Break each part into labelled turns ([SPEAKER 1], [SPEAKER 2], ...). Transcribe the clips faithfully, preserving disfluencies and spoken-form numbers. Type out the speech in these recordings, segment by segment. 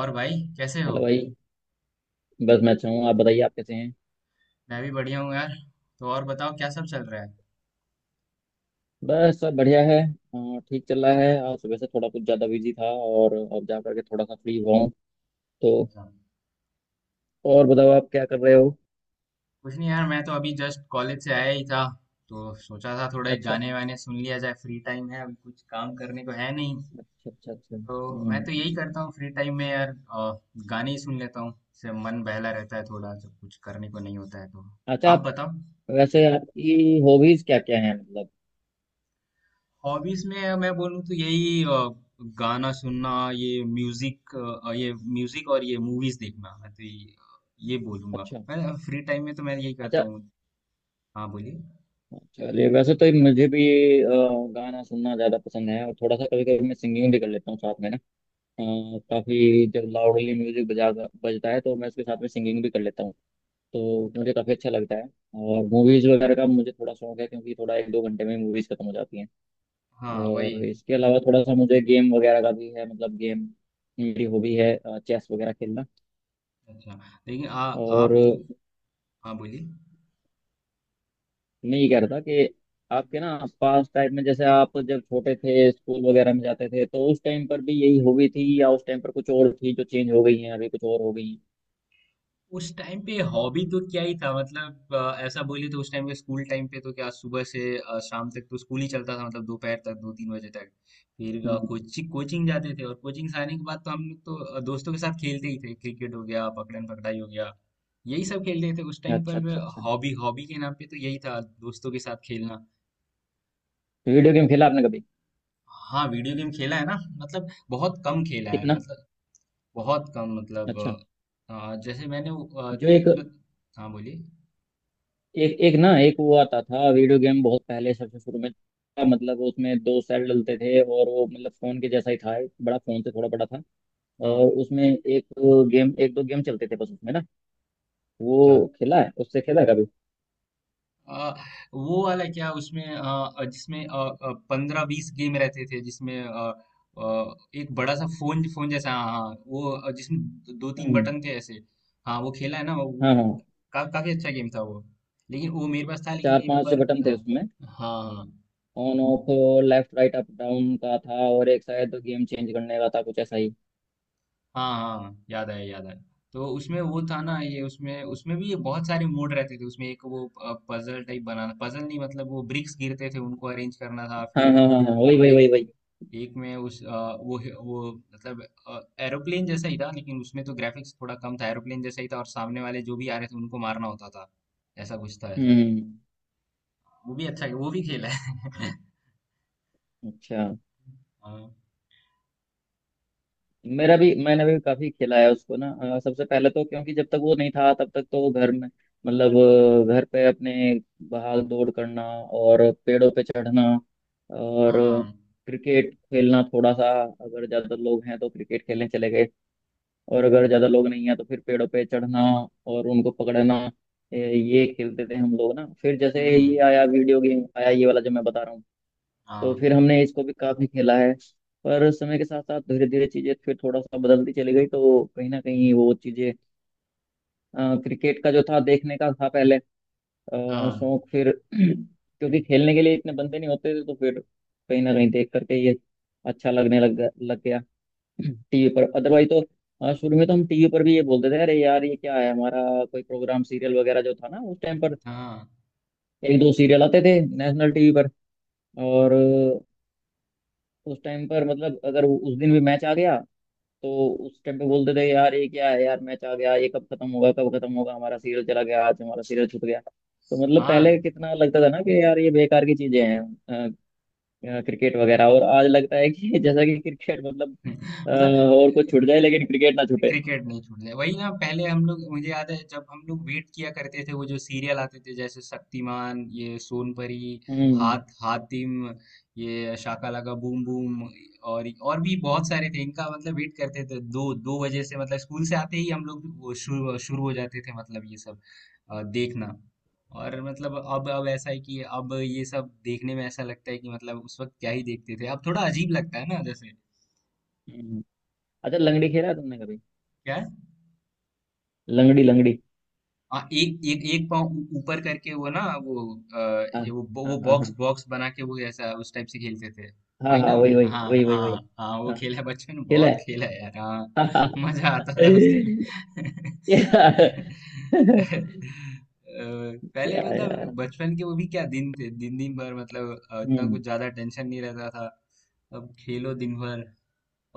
[SPEAKER 1] और भाई कैसे हो।
[SPEAKER 2] हेलो भाई। बस मैं अच्छा हूँ। आप बताइए आप कैसे हैं।
[SPEAKER 1] मैं भी बढ़िया हूँ यार। तो और बताओ क्या सब चल रहा है।
[SPEAKER 2] बस सब बढ़िया है। अ, ठीक चल रहा है। आज सुबह से थोड़ा कुछ ज़्यादा बिजी था और अब जा करके थोड़ा सा फ्री हुआ हूँ। तो
[SPEAKER 1] अच्छा।
[SPEAKER 2] और बताओ आप क्या कर रहे हो।
[SPEAKER 1] कुछ नहीं यार, मैं तो अभी जस्ट कॉलेज से आया ही था। तो सोचा था थोड़े
[SPEAKER 2] अच्छा
[SPEAKER 1] गाने वाने सुन लिया जाए, फ्री टाइम है अभी, कुछ काम करने को है नहीं।
[SPEAKER 2] अच्छा अच्छा। अच्छा।
[SPEAKER 1] तो मैं
[SPEAKER 2] हम्म।
[SPEAKER 1] तो यही करता हूँ फ्री टाइम में यार। अ, गाने ही सुन लेता हूँ, इससे मन बहला रहता है थोड़ा जब कुछ करने को नहीं होता है तो।
[SPEAKER 2] अच्छा।
[SPEAKER 1] आप
[SPEAKER 2] आप
[SPEAKER 1] बताओ।
[SPEAKER 2] वैसे आपकी हॉबीज़ क्या क्या हैं मतलब।
[SPEAKER 1] हॉबीज में मैं बोलूँ तो यही, अ, गाना सुनना, ये म्यूजिक, अ, ये म्यूजिक और ये मूवीज देखना। मैं तो ये, ये बोलूंगा,
[SPEAKER 2] अच्छा।
[SPEAKER 1] मैं फ्री टाइम में तो मैं यही करता
[SPEAKER 2] अच्छा।
[SPEAKER 1] हूँ। हाँ बोलिए।
[SPEAKER 2] चलिए वैसे तो मुझे भी अ, गाना सुनना ज़्यादा पसंद है और थोड़ा सा कभी कभी मैं सिंगिंग भी कर लेता हूँ साथ में ना। हाँ, काफी जब लाउडली म्यूजिक बजा बजता है तो मैं उसके साथ में सिंगिंग भी कर लेता हूँ। तो मुझे काफी अच्छा लगता है। और मूवीज वगैरह का मुझे थोड़ा शौक है क्योंकि थोड़ा एक दो घंटे में मूवीज खत्म हो जाती हैं।
[SPEAKER 1] हाँ वही।
[SPEAKER 2] और इसके अलावा थोड़ा सा मुझे गेम वगैरह का भी है। मतलब गेम मेरी हॉबी है। चेस वगैरह खेलना।
[SPEAKER 1] अच्छा, लेकिन आ,
[SPEAKER 2] और
[SPEAKER 1] आप। हाँ बोलिए।
[SPEAKER 2] मैं ये कह रहा था कि आपके ना पास टाइम में जैसे आप जब छोटे थे स्कूल वगैरह में जाते थे तो उस टाइम पर भी यही हॉबी थी या उस टाइम पर कुछ और थी जो चेंज हो गई है अभी कुछ और हो गई है।
[SPEAKER 1] उस टाइम पे हॉबी तो क्या ही था मतलब, अ, ऐसा बोलिए तो उस टाइम पे स्कूल टाइम पे तो क्या सुबह से अ, शाम तक तो स्कूल ही चलता था, मतलब दोपहर तक दो तीन बजे तक। फिर अ,
[SPEAKER 2] हम्म।
[SPEAKER 1] कोचिंग कोचिंग जाते थे और कोचिंग से आने के बाद तो हम लोग तो अ, दोस्तों के साथ खेलते ही थे, क्रिकेट हो गया, पकड़न पकड़ाई हो गया। यही सब खेलते थे उस टाइम
[SPEAKER 2] अच्छा
[SPEAKER 1] पर।
[SPEAKER 2] अच्छा अच्छा।
[SPEAKER 1] हॉबी हॉबी के नाम पे तो यही था, दोस्तों के साथ खेलना।
[SPEAKER 2] वीडियो गेम खेला आपने कभी।
[SPEAKER 1] हाँ, वीडियो गेम खेला है ना। मतलब बहुत कम खेला है
[SPEAKER 2] कितना।
[SPEAKER 1] मतलब। बहुत कम मतलब।
[SPEAKER 2] अच्छा।
[SPEAKER 1] अ, अ, जैसे मैंने वो, अ,
[SPEAKER 2] जो एक
[SPEAKER 1] मतलब- हाँ बोलिए।
[SPEAKER 2] एक एक ना एक वो आता था वीडियो गेम बहुत पहले सबसे शुरू में था, मतलब उसमें दो सेल डलते थे और वो मतलब फोन के जैसा ही था एक बड़ा फोन से थोड़ा बड़ा था। और
[SPEAKER 1] हाँ।
[SPEAKER 2] उसमें एक गेम एक दो गेम चलते थे बस उसमें ना। वो
[SPEAKER 1] अच्छा।
[SPEAKER 2] खेला है। उससे खेला है कभी।
[SPEAKER 1] अ, वो वाला क्या, उसमें अ, अ, जिसमें पंद्रह बीस गेम रहते थे, जिसमें अ, अ, एक बड़ा सा फोन फोन जैसा, हाँ हाँ, वो अ, जिसमें दो तीन
[SPEAKER 2] हम्म।
[SPEAKER 1] बटन थे ऐसे। हाँ वो खेला है ना वो,
[SPEAKER 2] हाँ हाँ।
[SPEAKER 1] का, काफी अच्छा गेम था वो। लेकिन वो मेरे पास था, लेकिन
[SPEAKER 2] चार
[SPEAKER 1] एक
[SPEAKER 2] पांच
[SPEAKER 1] बार।
[SPEAKER 2] बटन थे
[SPEAKER 1] हाँ।
[SPEAKER 2] उसमें।
[SPEAKER 1] हाँ हाँ।
[SPEAKER 2] On off left right up down का था और एक शायद गेम चेंज करने का था कुछ ऐसा ही।
[SPEAKER 1] हाँ हाँ, याद आया याद आया। तो उसमें वो था ना, ये उसमें उसमें भी ये बहुत सारे मोड रहते थे, उसमें एक वो पजल टाइप बनाना, पजल नहीं मतलब वो ब्रिक्स गिरते थे उनको अरेंज करना था।
[SPEAKER 2] हाँ
[SPEAKER 1] फिर
[SPEAKER 2] हाँ हाँ हाँ वही वही वही
[SPEAKER 1] एक
[SPEAKER 2] वही।
[SPEAKER 1] एक में उस अ, वो वो मतलब एरोप्लेन जैसा ही था, लेकिन उसमें तो ग्राफिक्स थोड़ा कम था, एरोप्लेन जैसा ही था और सामने वाले जो भी आ रहे थे उनको मारना होता था। ऐसा कुछ था ऐसा।
[SPEAKER 2] हम्म।
[SPEAKER 1] वो भी अच्छा, वो भी खेल है।
[SPEAKER 2] अच्छा।
[SPEAKER 1] हाँ
[SPEAKER 2] मेरा भी मैंने भी काफी खिलाया उसको ना। अ, सबसे पहले तो क्योंकि जब तक वो नहीं था तब तक तो वो घर में मतलब अ, घर पे अपने भाग दौड़ करना और पेड़ों पे चढ़ना। और
[SPEAKER 1] हाँ।
[SPEAKER 2] क्रिकेट खेलना। थोड़ा सा अगर ज्यादा लोग हैं तो क्रिकेट खेलने चले गए और अगर ज्यादा लोग नहीं है तो फिर पेड़ों पे चढ़ना और उनको पकड़ना। ए, ये खेलते थे हम लोग ना। फिर जैसे
[SPEAKER 1] हम्म।
[SPEAKER 2] ये आया वीडियो गेम आया ये वाला जो मैं बता रहा हूँ। तो
[SPEAKER 1] हाँ
[SPEAKER 2] फिर हमने इसको भी काफी खेला है। पर समय के साथ साथ धीरे धीरे चीजें फिर थोड़ा सा बदलती चली गई तो कहीं ना कहीं वो चीजें अ, क्रिकेट का जो था देखने का था पहले अ,
[SPEAKER 1] हाँ
[SPEAKER 2] शौक फिर क्योंकि खेलने के लिए इतने बंदे नहीं होते थे तो फिर कहीं ना कहीं देख करके ये अच्छा लगने लग गया लग गया। टीवी पर अदरवाइज तो अ, शुरू में तो हम टीवी पर भी ये बोलते थे अरे यार ये क्या है हमारा कोई प्रोग्राम सीरियल वगैरह जो था ना उस टाइम पर।
[SPEAKER 1] हाँ
[SPEAKER 2] एक दो सीरियल आते थे नेशनल टीवी पर। और अ, उस टाइम पर मतलब अगर उस दिन भी मैच आ गया तो उस टाइम पे बोलते थे यार ये क्या है यार मैच आ गया ये कब खत्म होगा कब खत्म होगा हमारा सीरियल चला गया आज हमारा सीरियल छूट गया। तो मतलब
[SPEAKER 1] हाँ।
[SPEAKER 2] पहले कितना लगता था ना कि यार ये बेकार की चीजें हैं क्रिकेट वगैरह और आज लगता है कि जैसा कि क्रिकेट मतलब अ,
[SPEAKER 1] मतलब अ,
[SPEAKER 2] और कुछ छूट जाए लेकिन क्रिकेट ना छूटे।
[SPEAKER 1] क्रिकेट नहीं छूट रहा वही ना। पहले हम लोग, मुझे याद है जब हम लोग वेट किया करते थे वो जो सीरियल आते थे, जैसे शक्तिमान, ये सोनपरी,
[SPEAKER 2] हम्म।
[SPEAKER 1] हाथ हातिम, ये शाका लाका बूम बूम और और भी बहुत सारे थे इनका, मतलब वेट करते थे दो दो बजे से, मतलब स्कूल से आते ही हम लोग वो शुरू शुरू हो जाते थे मतलब ये सब अ, देखना। और मतलब अब अब ऐसा है कि अब ये सब देखने में ऐसा लगता है कि मतलब उस वक्त क्या ही देखते थे, अब थोड़ा अजीब लगता है ना जैसे।
[SPEAKER 2] हम्म। अच्छा। लंगड़ी खेला है तुमने कभी।
[SPEAKER 1] क्या?
[SPEAKER 2] लंगड़ी लंगड़ी।
[SPEAKER 1] हाँ, एक एक एक पाँव ऊ- ऊपर करके वो ना वो। अ,
[SPEAKER 2] हाँ
[SPEAKER 1] ये वो
[SPEAKER 2] हाँ
[SPEAKER 1] वो
[SPEAKER 2] हाँ
[SPEAKER 1] बॉक्स
[SPEAKER 2] हाँ
[SPEAKER 1] बॉक्स बना के वो ऐसा उस टाइप से खेलते थे।
[SPEAKER 2] हाँ
[SPEAKER 1] वही ना।
[SPEAKER 2] हाँ वही वही
[SPEAKER 1] हाँ
[SPEAKER 2] वही वही वही।
[SPEAKER 1] हाँ हाँ, वो
[SPEAKER 2] हाँ।
[SPEAKER 1] खेला है बचपन में,
[SPEAKER 2] खेला है।
[SPEAKER 1] बहुत खेला है यार, हाँ।
[SPEAKER 2] हाँ हाँ।
[SPEAKER 1] मजा आता था उस गेम।
[SPEAKER 2] क्या। क्या
[SPEAKER 1] पहले मतलब
[SPEAKER 2] यार।
[SPEAKER 1] बचपन के वो भी क्या दिन थे, दिन दिन भर मतलब अ, इतना
[SPEAKER 2] हम्म।
[SPEAKER 1] कुछ ज्यादा टेंशन नहीं रहता था। अब खेलो दिन भर।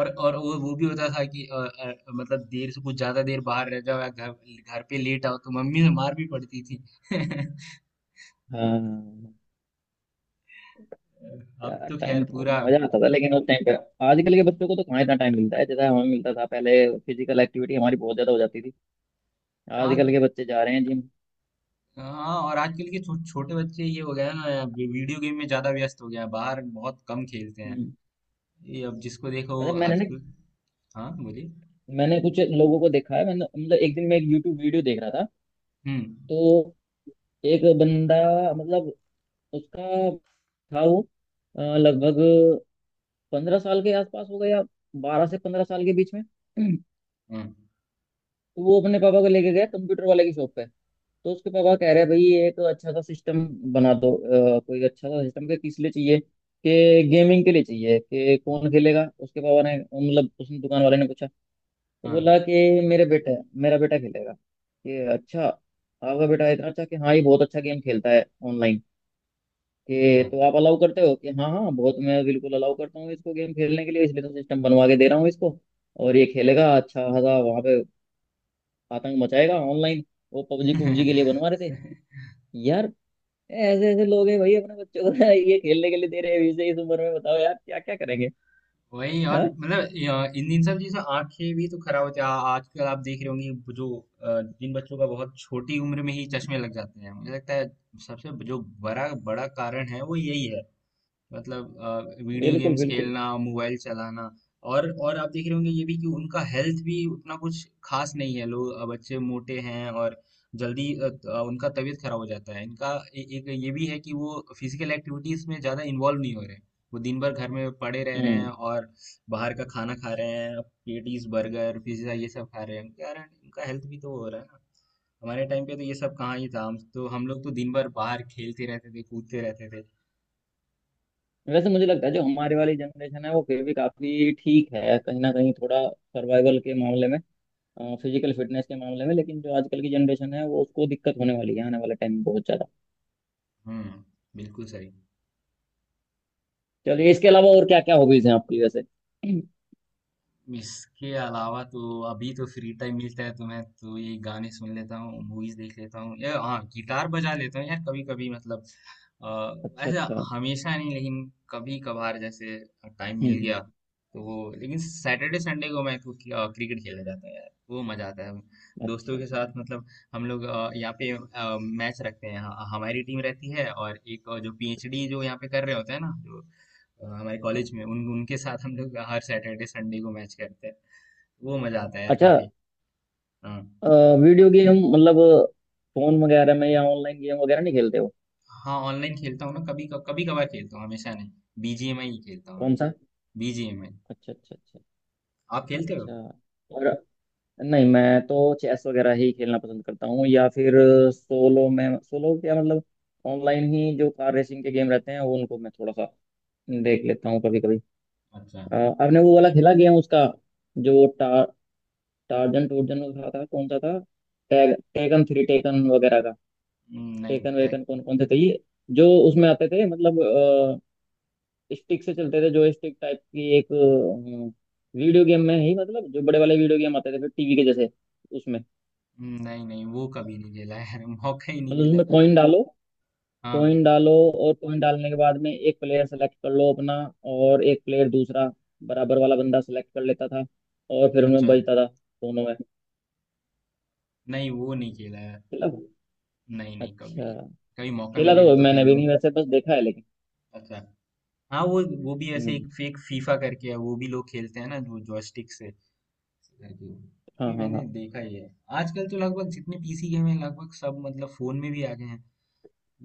[SPEAKER 1] और और वो वो भी होता था कि अ, अ, मतलब देर से कुछ ज्यादा देर बाहर रह जाओ, या घर घर पे लेट आओ तो मम्मी से मार भी पड़ती थी।
[SPEAKER 2] हाँ
[SPEAKER 1] अब
[SPEAKER 2] यार
[SPEAKER 1] तो खैर
[SPEAKER 2] टाइम तो
[SPEAKER 1] पूरा
[SPEAKER 2] मजा आता था लेकिन उस टाइम पे आजकल के बच्चों को तो कहाँ इतना टाइम मिलता है जैसा हमें मिलता था पहले। फिजिकल एक्टिविटी हमारी बहुत ज्यादा हो जाती थी।
[SPEAKER 1] आज।
[SPEAKER 2] आजकल के बच्चे जा रहे हैं जिम।
[SPEAKER 1] हाँ और आजकल के छो, छोटे बच्चे ये हो गया है ना, वी- वीडियो गेम में ज्यादा व्यस्त हो गया है, बाहर बहुत कम खेलते हैं।
[SPEAKER 2] हम्म।
[SPEAKER 1] ये अब जिसको देखो
[SPEAKER 2] अच्छा। मैंने ना
[SPEAKER 1] आजकल। हाँ बोलिए।
[SPEAKER 2] मैंने कुछ लोगों को देखा है। मैंने मतलब एक दिन मैं एक यूट्यूब वीडियो देख रहा था।
[SPEAKER 1] हम्म
[SPEAKER 2] तो एक बंदा मतलब उसका था वो अ, लगभग पंद्रह साल के आसपास होगा या बारह से पंद्रह साल के बीच में।
[SPEAKER 1] हम्म।
[SPEAKER 2] तो वो अपने पापा को लेके गया कंप्यूटर वाले की शॉप पे। तो उसके पापा कह रहे हैं भाई ये एक अच्छा सा सिस्टम बना दो। अ, कोई अच्छा सा सिस्टम के किस लिए चाहिए। कि गेमिंग के लिए चाहिए। कि कौन खेलेगा उसके पापा ने मतलब उसने दुकान वाले ने पूछा। तो
[SPEAKER 1] हाँ
[SPEAKER 2] बोला कि मेरे बेटा मेरा बेटा खेलेगा। कि अच्छा आपका बेटा इतना अच्छा। कि हाँ ये बहुत अच्छा गेम खेलता है ऑनलाइन। कि तो
[SPEAKER 1] हाँ।
[SPEAKER 2] आप अलाउ करते हो। कि हाँ हाँ बहुत मैं बिल्कुल अलाउ करता हूँ इसको गेम खेलने के लिए इसलिए तो सिस्टम बनवा के दे रहा हूँ इसको। और ये खेलेगा अच्छा खासा वहाँ पे आतंक मचाएगा ऑनलाइन। वो पबजी पबजी के लिए बनवा रहे थे यार। ऐसे ऐसे लोग हैं भाई अपने बच्चों को ये खेलने के लिए दे रहे हैं अभी से इस उम्र में बताओ यार क्या क्या करेंगे।
[SPEAKER 1] वही यार
[SPEAKER 2] हाँ
[SPEAKER 1] मतलब, या- इन इन सब चीजों से आंखें भी तो खराब होती है, आ- आजकल आप देख रहे होंगे वो जो अ, जिन बच्चों का बहुत छोटी उम्र में ही चश्मे लग जाते हैं, मुझे लगता है सबसे जो बड़ा बड़ा कारण है वो यही है। मतलब अ, वीडियो
[SPEAKER 2] बिल्कुल
[SPEAKER 1] गेम्स
[SPEAKER 2] बिल्कुल।
[SPEAKER 1] खेलना, मोबाइल चलाना। और और आप देख रहे होंगे ये भी कि उनका हेल्थ भी उतना कुछ खास नहीं है, लोग अ, बच्चे मोटे हैं, और जल्दी अ, त- अ, उनका तबीयत खराब हो जाता है इनका। ए, एक ये भी है कि वो फिजिकल एक्टिविटीज में ज्यादा इन्वॉल्व नहीं हो रहे हैं, वो दिन भर घर में पड़े रह रहे हैं,
[SPEAKER 2] हम्म।
[SPEAKER 1] और बाहर का खाना खा रहे हैं, पेटीज, बर्गर, पिज्जा, ये सब खा रहे हैं, उनके कारण उनका हेल्थ भी तो हो रहा है ना। हमारे टाइम पे तो ये सब कहाँ ही था, हम तो हम लोग तो दिन भर बाहर खेलते रहते थे, कूदते रहते थे।
[SPEAKER 2] वैसे मुझे लगता है जो हमारे वाली जनरेशन है वो फिर भी काफी ठीक है कहीं ना कहीं थोड़ा सर्वाइवल के मामले में फिजिकल फिटनेस के मामले में। लेकिन जो आजकल की जनरेशन है वो उसको दिक्कत होने वाली है आने वाले टाइम में बहुत ज्यादा।
[SPEAKER 1] हम्म। बिल्कुल सही।
[SPEAKER 2] चलिए इसके अलावा और क्या क्या हॉबीज हैं आपकी वैसे।
[SPEAKER 1] इसके अलावा तो अभी तो फ्री टाइम मिलता है तो मैं तो ये गाने सुन लेता हूँ, मूवीज देख लेता हूँ, या हाँ, गिटार बजा लेता हूँ यार कभी कभी मतलब। अ,
[SPEAKER 2] अच्छा
[SPEAKER 1] ऐसा
[SPEAKER 2] अच्छा।
[SPEAKER 1] हमेशा नहीं, लेकिन कभी कभार जैसे टाइम
[SPEAKER 2] हम्म
[SPEAKER 1] मिल
[SPEAKER 2] हम्म।
[SPEAKER 1] गया तो वो। लेकिन सैटरडे संडे को मैं क्रिक- अ, क्रिकेट खेलने जाता हूँ यार, वो मजा आता है। दोस्तों
[SPEAKER 2] अच्छा
[SPEAKER 1] के साथ मतलब, हम लोग अ, यहाँ पे अ, मैच रखते हैं हाँ, हमारी टीम रहती है और एक अ, जो पी एच डी जो यहाँ पे कर रहे होते हैं ना, जो अ, हमारे कॉलेज में, उन उनके साथ हम लोग हर सैटरडे संडे को मैच करते हैं। वो मजा आता है यार
[SPEAKER 2] अच्छा।
[SPEAKER 1] काफी। हाँ।
[SPEAKER 2] अ, वीडियो गेम मतलब फोन वगैरह में या ऑनलाइन गेम वगैरह नहीं खेलते हो।
[SPEAKER 1] हाँ, ऑनलाइन खेलता हूँ ना, कभी कभी कभार खेलता हूँ, हमेशा नहीं। बी जी एम आई ही खेलता हूँ
[SPEAKER 2] कौन
[SPEAKER 1] मैं।
[SPEAKER 2] सा।
[SPEAKER 1] बी जी एम आई।
[SPEAKER 2] अच्छा अच्छा अच्छा।
[SPEAKER 1] आप खेलते
[SPEAKER 2] अच्छा।
[SPEAKER 1] हो?
[SPEAKER 2] और। नहीं मैं तो चेस वगैरह ही खेलना पसंद करता हूँ या फिर सोलो में। सोलो क्या मतलब ऑनलाइन ही जो कार रेसिंग के गेम रहते हैं वो उनको मैं थोड़ा सा देख लेता हूँ कभी कभी।
[SPEAKER 1] अच्छा।
[SPEAKER 2] आपने वो वाला खेला गेम उसका जो टा, टार्जन टूर्जन का था कौन सा था टैग टेकन थ्री टेकन वगैरह का।
[SPEAKER 1] हम्म, नहीं।
[SPEAKER 2] टेकन
[SPEAKER 1] tag-
[SPEAKER 2] वेकन कौन कौन से थे ये जो उसमें आते थे मतलब स्टिक से चलते थे जो स्टिक टाइप की एक वीडियो गेम में ही मतलब जो बड़े वाले वीडियो गेम आते थे फिर टीवी के जैसे उसमें।
[SPEAKER 1] हम्म, नहीं नहीं, वो कभी नहीं खेला यार, मौका ही नहीं
[SPEAKER 2] मतलब
[SPEAKER 1] मिला।
[SPEAKER 2] उसमें कॉइन डालो
[SPEAKER 1] हाँ।
[SPEAKER 2] कॉइन डालो। और कॉइन डालने के बाद में एक प्लेयर सेलेक्ट कर लो अपना और एक प्लेयर दूसरा बराबर वाला बंदा सेलेक्ट कर लेता था। और फिर उनमें
[SPEAKER 1] अच्छा।
[SPEAKER 2] बजता था दोनों में।
[SPEAKER 1] नहीं, वो नहीं खेला यार।
[SPEAKER 2] खेला।
[SPEAKER 1] नहीं नहीं, कभी
[SPEAKER 2] अच्छा।
[SPEAKER 1] कभी मौका
[SPEAKER 2] खेला
[SPEAKER 1] मिलेगा
[SPEAKER 2] तो
[SPEAKER 1] तो
[SPEAKER 2] मैंने भी
[SPEAKER 1] खेलूं।
[SPEAKER 2] नहीं वैसे बस देखा है लेकिन।
[SPEAKER 1] अच्छा। हाँ, वो वो भी ऐसे एक
[SPEAKER 2] हम्म।
[SPEAKER 1] फेक फीफा करके है, वो भी लोग खेलते हैं ना, जो जॉयस्टिक से। एग्जैक्टली, वो
[SPEAKER 2] हाँ
[SPEAKER 1] भी
[SPEAKER 2] हाँ
[SPEAKER 1] मैंने
[SPEAKER 2] हाँ
[SPEAKER 1] देखा ही है। आजकल तो लगभग जितने पी सी गेम हैं लगभग सब मतलब फोन में भी आ गए हैं।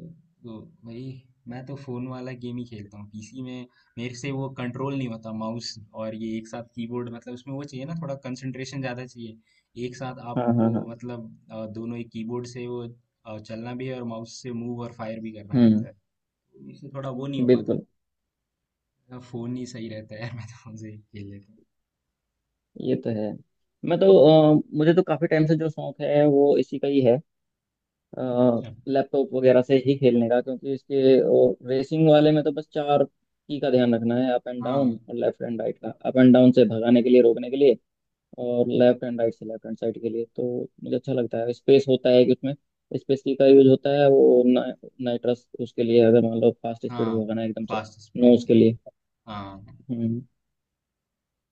[SPEAKER 1] तो तो भाई, मैं तो फोन वाला गेम ही खेलता हूँ। पी सी में मेरे से वो कंट्रोल नहीं होता, माउस और ये एक साथ कीबोर्ड, मतलब उसमें वो चाहिए ना, थोड़ा कंसंट्रेशन ज्यादा चाहिए। एक साथ आप
[SPEAKER 2] हाँ हाँ
[SPEAKER 1] वो
[SPEAKER 2] हाँ।
[SPEAKER 1] मतलब अ, दोनों ही कीबोर्ड से वो अ, चलना भी है और माउस से मूव और फायर भी करना रहता
[SPEAKER 2] हम्म।
[SPEAKER 1] है। तो मेरे से थोड़ा वो नहीं हो पाता।
[SPEAKER 2] बिल्कुल।
[SPEAKER 1] मेरा फोन ही सही रहता है। यार, मैं तो फोन से ही खेल लेता
[SPEAKER 2] ये तो है। मैं तो अ, मुझे तो काफी टाइम से जो शौक है वो इसी का ही है।
[SPEAKER 1] हूँ।
[SPEAKER 2] लैपटॉप वगैरह से ही खेलने का क्योंकि इसके और रेसिंग वाले में तो बस चार की का ध्यान रखना है अप एंड डाउन
[SPEAKER 1] हाँ
[SPEAKER 2] और लेफ्ट एंड राइट का। अप एंड डाउन से भगाने के लिए रोकने के लिए और लेफ्ट एंड राइट से लेफ्ट हैंड साइड के लिए। तो मुझे अच्छा लगता है स्पेस होता है कि उसमें स्पेस की का यूज होता है वो नाइट्रस उसके लिए अगर मान लो फास्ट
[SPEAKER 1] हाँ,
[SPEAKER 2] स्पीड में भगाना है एकदम से।
[SPEAKER 1] Fast
[SPEAKER 2] no
[SPEAKER 1] speed.
[SPEAKER 2] उसके लिए।
[SPEAKER 1] हाँ।
[SPEAKER 2] हम्म।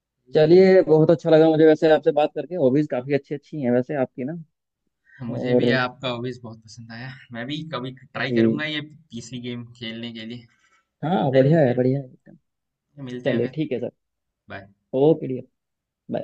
[SPEAKER 1] सही है।
[SPEAKER 2] चलिए बहुत अच्छा लगा मुझे वैसे आपसे बात करके। हॉबीज काफी अच्छी अच्छी हैं वैसे आपकी ना।
[SPEAKER 1] मुझे
[SPEAKER 2] और।
[SPEAKER 1] भी आपका हॉबीज बहुत पसंद आया, मैं भी कभी ट्राई
[SPEAKER 2] जी।
[SPEAKER 1] करूंगा ये पी सी गेम खेलने के लिए।
[SPEAKER 2] हाँ बढ़िया
[SPEAKER 1] चलिए
[SPEAKER 2] है
[SPEAKER 1] फिर,
[SPEAKER 2] बढ़िया है एकदम।
[SPEAKER 1] मिलते हैं
[SPEAKER 2] चलिए
[SPEAKER 1] फिर।
[SPEAKER 2] ठीक है सर।
[SPEAKER 1] बाय।
[SPEAKER 2] Okay dear.